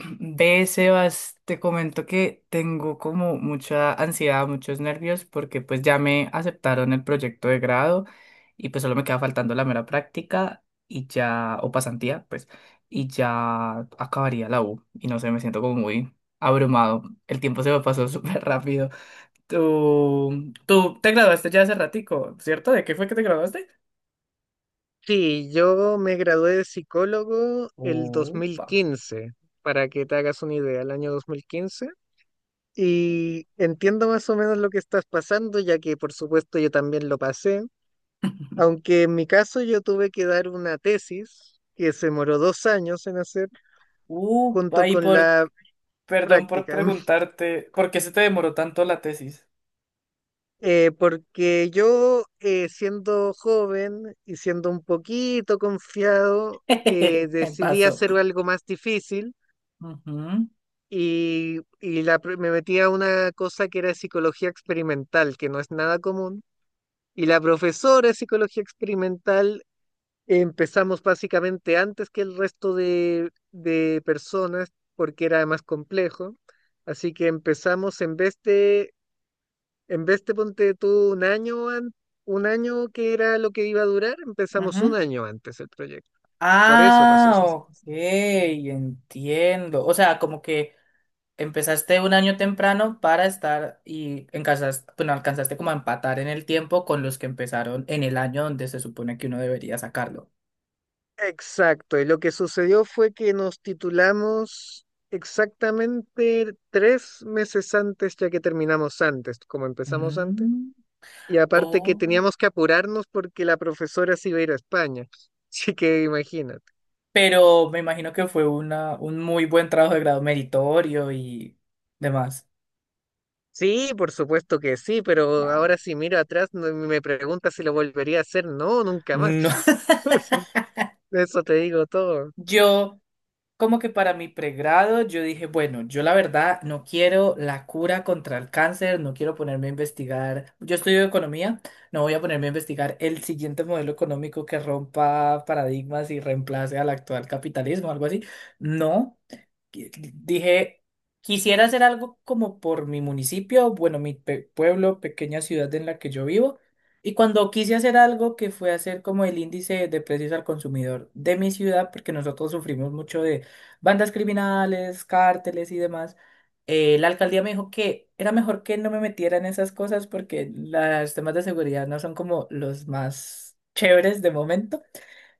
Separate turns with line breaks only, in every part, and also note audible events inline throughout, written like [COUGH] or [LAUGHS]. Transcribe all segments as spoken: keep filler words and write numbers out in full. Ve, Sebas, te comento que tengo como mucha ansiedad, muchos nervios, porque pues ya me aceptaron el proyecto de grado y pues solo me queda faltando la mera práctica y ya, o pasantía, pues, y ya acabaría la U. Y no sé, me siento como muy abrumado. El tiempo se me pasó [LAUGHS] súper rápido. Tú, tú te graduaste ya hace ratico, ¿cierto? ¿De qué fue que te graduaste?
Sí, yo me gradué de psicólogo el
Upa.
dos mil quince, para que te hagas una idea, el año dos mil quince. Y entiendo más o menos lo que estás pasando, ya que por supuesto yo también lo pasé,
[LAUGHS]
aunque en mi caso yo tuve que dar una tesis que se demoró dos años en hacer
Upa,
junto
¿y
con
por,
la
Perdón por
práctica. [LAUGHS]
preguntarte, ¿por qué se te demoró tanto la tesis?
Eh, porque yo eh, siendo joven y siendo un poquito confiado, eh,
[LAUGHS] Me
decidí
pasó.
hacer algo más difícil
Ujú,
y, y la pro- me metí a una cosa que era psicología experimental, que no es nada común. Y la profesora de psicología experimental, empezamos básicamente antes que el resto de, de personas, porque era más complejo. Así que empezamos en vez de, en vez de ponte tú un año, an- un año que era lo que iba a durar, empezamos un
ujú.
año antes el proyecto. Por eso pasó
Ah,
eso.
ok, entiendo. O sea, como que empezaste un año temprano para estar y alcanzaste, bueno, alcanzaste como a empatar en el tiempo con los que empezaron en el año donde se supone que uno debería sacarlo.
Exacto, y lo que sucedió fue que nos titulamos exactamente tres meses antes, ya que terminamos antes, como empezamos antes,
Mm,
y aparte que
oh,
teníamos que apurarnos porque la profesora se iba a ir a España, [LAUGHS] así que imagínate.
pero me imagino que fue una, un muy buen trabajo de grado meritorio y demás.
Sí, por supuesto que sí, pero
Wow.
ahora si miro atrás no- me pregunta si lo volvería a hacer, no, nunca más.
No,
[LAUGHS] Eso, eso te digo todo.
yo, como que para mi pregrado, yo dije, bueno, yo la verdad no quiero la cura contra el cáncer, no quiero ponerme a investigar, yo estudio economía, no voy a ponerme a investigar el siguiente modelo económico que rompa paradigmas y reemplace al actual capitalismo, algo así. No que- dije, quisiera hacer algo como por mi municipio, bueno, mi pe- pueblo, pequeña ciudad en la que yo vivo. Y cuando quise hacer algo que fue hacer como el índice de precios al consumidor de mi ciudad, porque nosotros sufrimos mucho de bandas criminales, cárteles y demás, eh, la alcaldía me dijo que era mejor que no me metiera en esas cosas porque los temas de seguridad no son como los más chéveres de momento.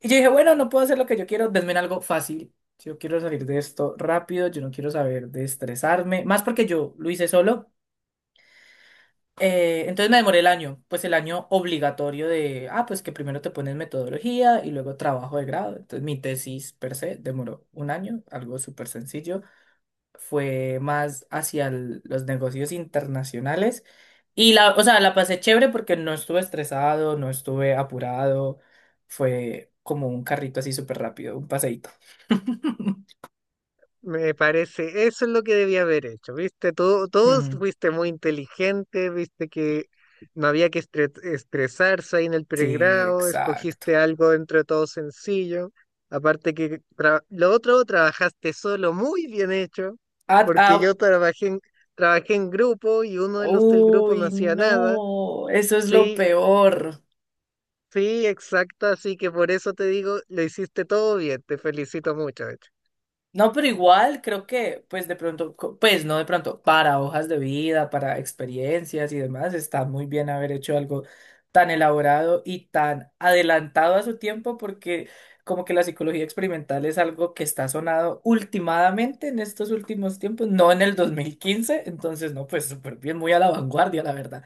Y yo dije, bueno, no puedo hacer lo que yo quiero, denme algo fácil. Si yo quiero salir de esto rápido, yo no quiero saber de estresarme, más porque yo lo hice solo. Eh, entonces me demoré el año, pues el año obligatorio de, ah, pues que primero te pones metodología y luego trabajo de grado. Entonces mi tesis per se demoró un año, algo súper sencillo fue más hacia el- los negocios internacionales. Y la, o sea, la pasé chévere porque no estuve estresado, no estuve apurado. Fue como un carrito así súper rápido, un paseíto. [LAUGHS]
Me parece, eso es lo que debía haber hecho, ¿viste? Todo, todos
Mm,
fuiste muy inteligente, viste que no había que estre- estresarse ahí en el
sí,
pregrado,
exacto.
escogiste algo entre todo sencillo, aparte que tra- lo otro trabajaste solo, muy bien hecho,
Ah,
porque
ah,
yo trabajé en, trabajé en grupo y uno de los del grupo no
uy,
hacía nada.
no, eso es lo
Sí,
peor.
sí, exacto, así que por eso te digo, lo hiciste todo bien, te felicito mucho. eh.
No, pero igual creo que, pues de pronto, co- pues no de pronto, para hojas de vida, para experiencias y demás, está muy bien haber hecho algo tan elaborado y tan adelantado a su tiempo, porque como que la psicología experimental es algo que está sonado ultimadamente en estos últimos tiempos, no en el dos mil quince, entonces no, pues súper bien, muy a la vanguardia, la verdad.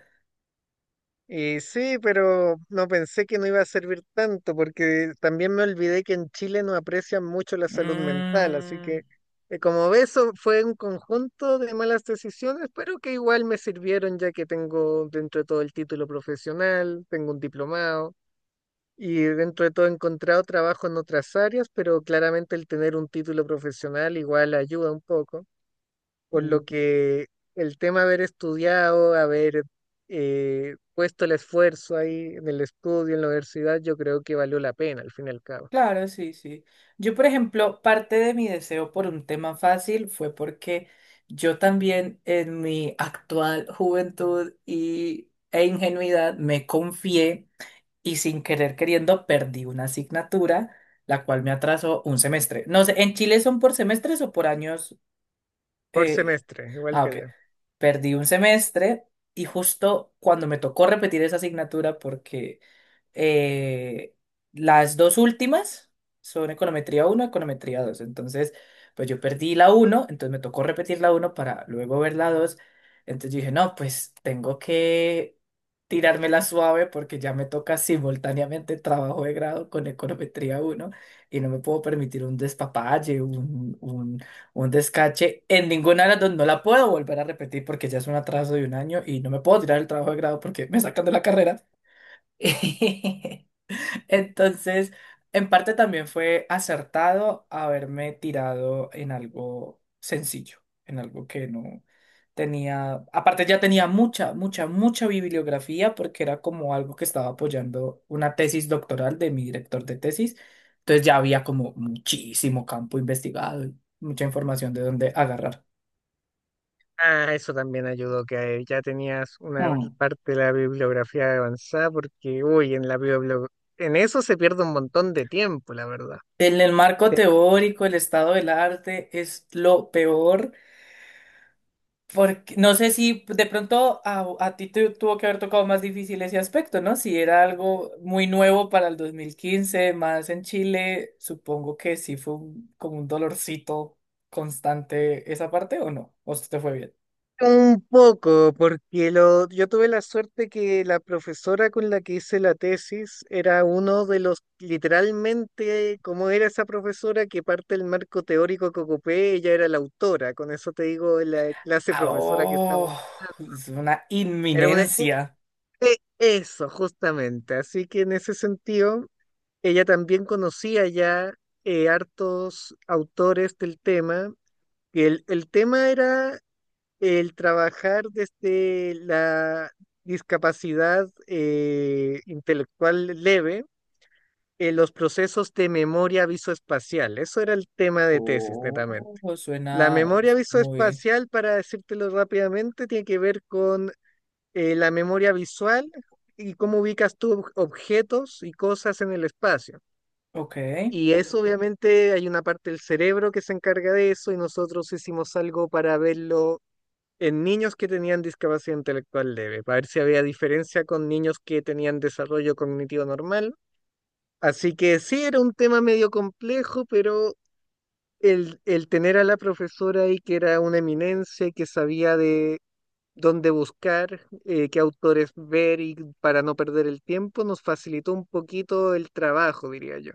Y sí, pero no pensé que no iba a servir tanto, porque también me olvidé que en Chile no aprecian mucho la salud mental, así
Mm,
que eh, como ves, so- fue un conjunto de malas decisiones, pero que igual me sirvieron ya que tengo dentro de todo el título profesional, tengo un diplomado y dentro de todo he encontrado trabajo en otras áreas, pero claramente el tener un título profesional igual ayuda un poco. Por lo que el tema de haber estudiado, haber eh, puesto el esfuerzo ahí en el estudio, en la universidad, yo creo que valió la pena al fin y al cabo.
claro, sí, sí. Yo, por ejemplo, parte de mi deseo por un tema fácil fue porque yo también en mi actual juventud y, e ingenuidad me confié y sin querer queriendo perdí una asignatura, la cual me atrasó un semestre. No sé, ¿en Chile son por semestres o por años?
Por
Eh,
semestre, igual
ah,
que
ok.
allá.
Perdí un semestre y justo cuando me tocó repetir esa asignatura porque eh, las dos últimas son econometría uno econometría dos. Entonces, pues yo perdí la uno, entonces me tocó repetir la uno para luego ver la dos. Entonces yo dije, no, pues tengo que tirármela suave porque ya me toca simultáneamente trabajo de grado con econometría uno y no me puedo permitir un despapalle, un, un, un descache. En ninguna de las dos no la puedo volver a repetir porque ya es un atraso de un año y no me puedo tirar el trabajo de grado porque me sacan de la carrera. [LAUGHS] Entonces, en parte también fue acertado haberme tirado en algo sencillo, en algo que no tenía, aparte ya tenía mucha, mucha, mucha bibliografía porque era como algo que estaba apoyando una tesis doctoral de mi director de tesis, entonces ya había como muchísimo campo investigado y mucha información de dónde agarrar.
Ah, eso también ayudó, que ya tenías una
Mm.
parte de la bibliografía avanzada, porque, uy, en la biblio- en eso se pierde un montón de tiempo, la verdad.
En el marco teórico, el estado del arte es lo peor. Porque, no sé si de pronto a, a ti te tuvo que haber tocado más difícil ese aspecto, ¿no? Si era algo muy nuevo para el dos mil quince, más en Chile, supongo que sí fue un- como un dolorcito constante esa parte, ¿o no? ¿O se te fue bien?
Un poco, porque lo, yo tuve la suerte que la profesora con la que hice la tesis era uno de los, literalmente, como era esa profesora que parte del marco teórico que ocupé, ella era la autora, con eso te digo la clase
Ah,
profesora que estamos
¡oh!
hablando.
Es una
Era una, u-
inminencia.
e- eso, justamente. Así que en ese sentido, ella también conocía ya eh, hartos autores del tema. Que El, el tema era el trabajar desde la discapacidad eh, intelectual leve, eh, los procesos de memoria visoespacial. Eso era el tema de tesis, netamente.
Oh,
La
suena
memoria
muy...
visoespacial, para decírtelo rápidamente, tiene que ver con eh, la memoria visual y cómo ubicas tú ob- objetos y cosas en el espacio.
Ok.
Y eso obviamente hay una parte del cerebro que se encarga de eso y nosotros hicimos algo para verlo en niños que tenían discapacidad intelectual leve, para ver si había diferencia con niños que tenían desarrollo cognitivo normal. Así que sí, era un tema medio complejo, pero el, el tener a la profesora ahí que era una eminencia y que sabía de dónde buscar, eh, qué autores ver y para no perder el tiempo, nos facilitó un poquito el trabajo, diría yo.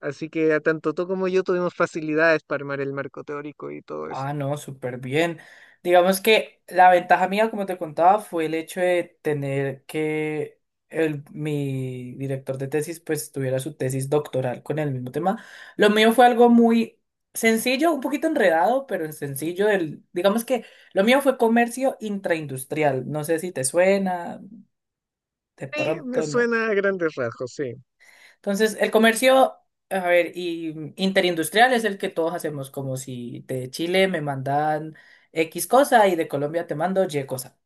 Así que a tanto tú como yo tuvimos facilidades para armar el marco teórico y todo eso.
Ah, no, súper bien. Digamos que la ventaja mía, como te contaba, fue el hecho de tener que el, mi director de tesis pues tuviera su tesis doctoral con el mismo tema. Lo mío fue algo muy sencillo, un poquito enredado, pero sencillo. El, digamos que lo mío fue comercio intraindustrial. No sé si te suena, de
Sí, me
pronto no.
suena a grandes rasgos, sí.
Entonces, el comercio, a ver, y interindustrial es el que todos hacemos, como si de Chile me mandan X cosa y de Colombia te mando Y cosa.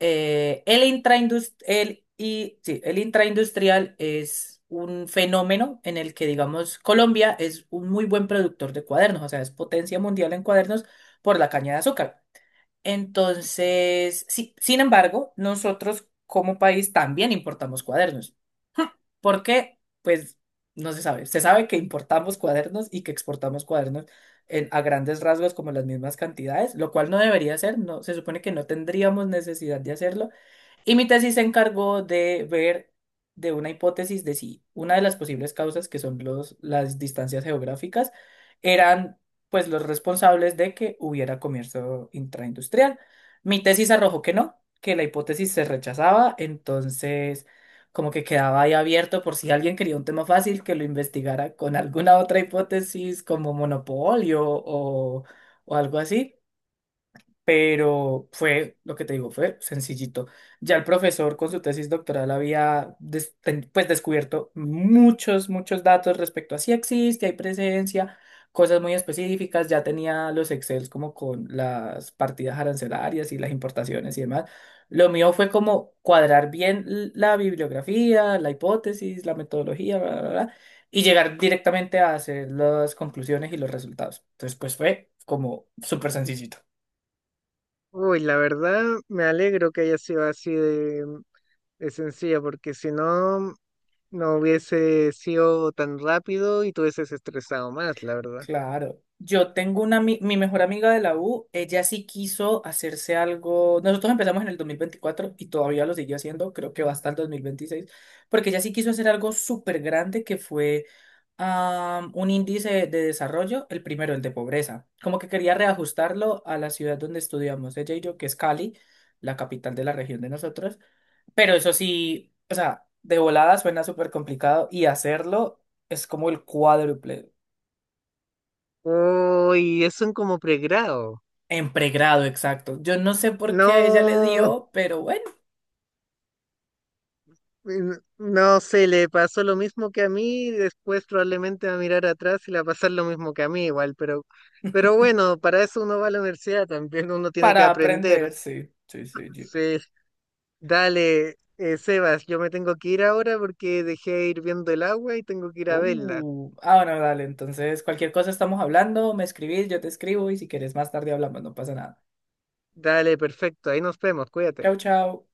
Eh, el intraindus- el, y, sí, el intraindustrial es un fenómeno en el que, digamos, Colombia es un muy buen productor de cuadernos, o sea, es potencia mundial en cuadernos por la caña de azúcar. Entonces, sí, sin embargo, nosotros como país también importamos cuadernos. Porque, pues, no se sabe. Se sabe que importamos cuadernos y que exportamos cuadernos en- a grandes rasgos como las mismas cantidades, lo cual no debería ser. No, se supone que no tendríamos necesidad de hacerlo y mi tesis se encargó de ver de una hipótesis de si una de las posibles causas, que son los, las distancias geográficas, eran pues los responsables de que hubiera comercio intraindustrial. Mi tesis arrojó que no, que la hipótesis se rechazaba, entonces como que quedaba ahí abierto por si alguien quería un tema fácil que lo investigara con alguna otra hipótesis como monopolio o, o algo así, pero fue, lo que te digo, fue sencillito. Ya el profesor con su tesis doctoral había des- ten- pues descubierto muchos, muchos datos respecto a si existe, hay presencia, cosas muy específicas, ya tenía los Excels como con las partidas arancelarias y las importaciones y demás. Lo mío fue como cuadrar bien l- la bibliografía, la hipótesis, la metodología, bla, bla, bla, y llegar directamente a hacer las conclusiones y los resultados. Entonces, pues fue como súper sencillito.
Uy, la verdad me alegro que haya sido así de, de sencilla, porque si no, no hubiese sido tan rápido y te hubieses estresado más, la verdad.
Claro. Yo tengo una, ami- mi mejor amiga de la U, ella sí quiso hacerse algo. Nosotros empezamos en el dos mil veinticuatro y todavía lo sigue haciendo, creo que va hasta el dos mil veintiséis, porque ella sí quiso hacer algo súper grande que fue am, un índice de desarrollo, el primero, el de pobreza. Como que quería reajustarlo a la ciudad donde estudiamos ella y yo, que es Cali, la capital de la región de nosotros. Pero eso sí, o sea, de volada suena súper complicado y hacerlo es como el cuádruple.
Uy, es un como pregrado.
En pregrado, exacto. Yo no sé por qué ella le
No,
dio, pero bueno,
n- no se le pasó lo mismo que a mí, y después probablemente va a mirar atrás y le va a pasar lo mismo que a mí igual, pero, pero bueno, para eso uno va a la universidad también, uno tiene que
para
aprender.
aprender, sí. Sí, sí, sí.
Sí. Dale, eh, Sebas, yo me tengo que ir ahora porque dejé hirviendo el agua y tengo que ir a verla.
Uh, ah, bueno, dale. Entonces, cualquier cosa estamos hablando, me escribís, yo te escribo y si quieres más tarde hablamos, no pasa nada.
Dale, perfecto, ahí nos vemos, cuídate.
Chau, chau.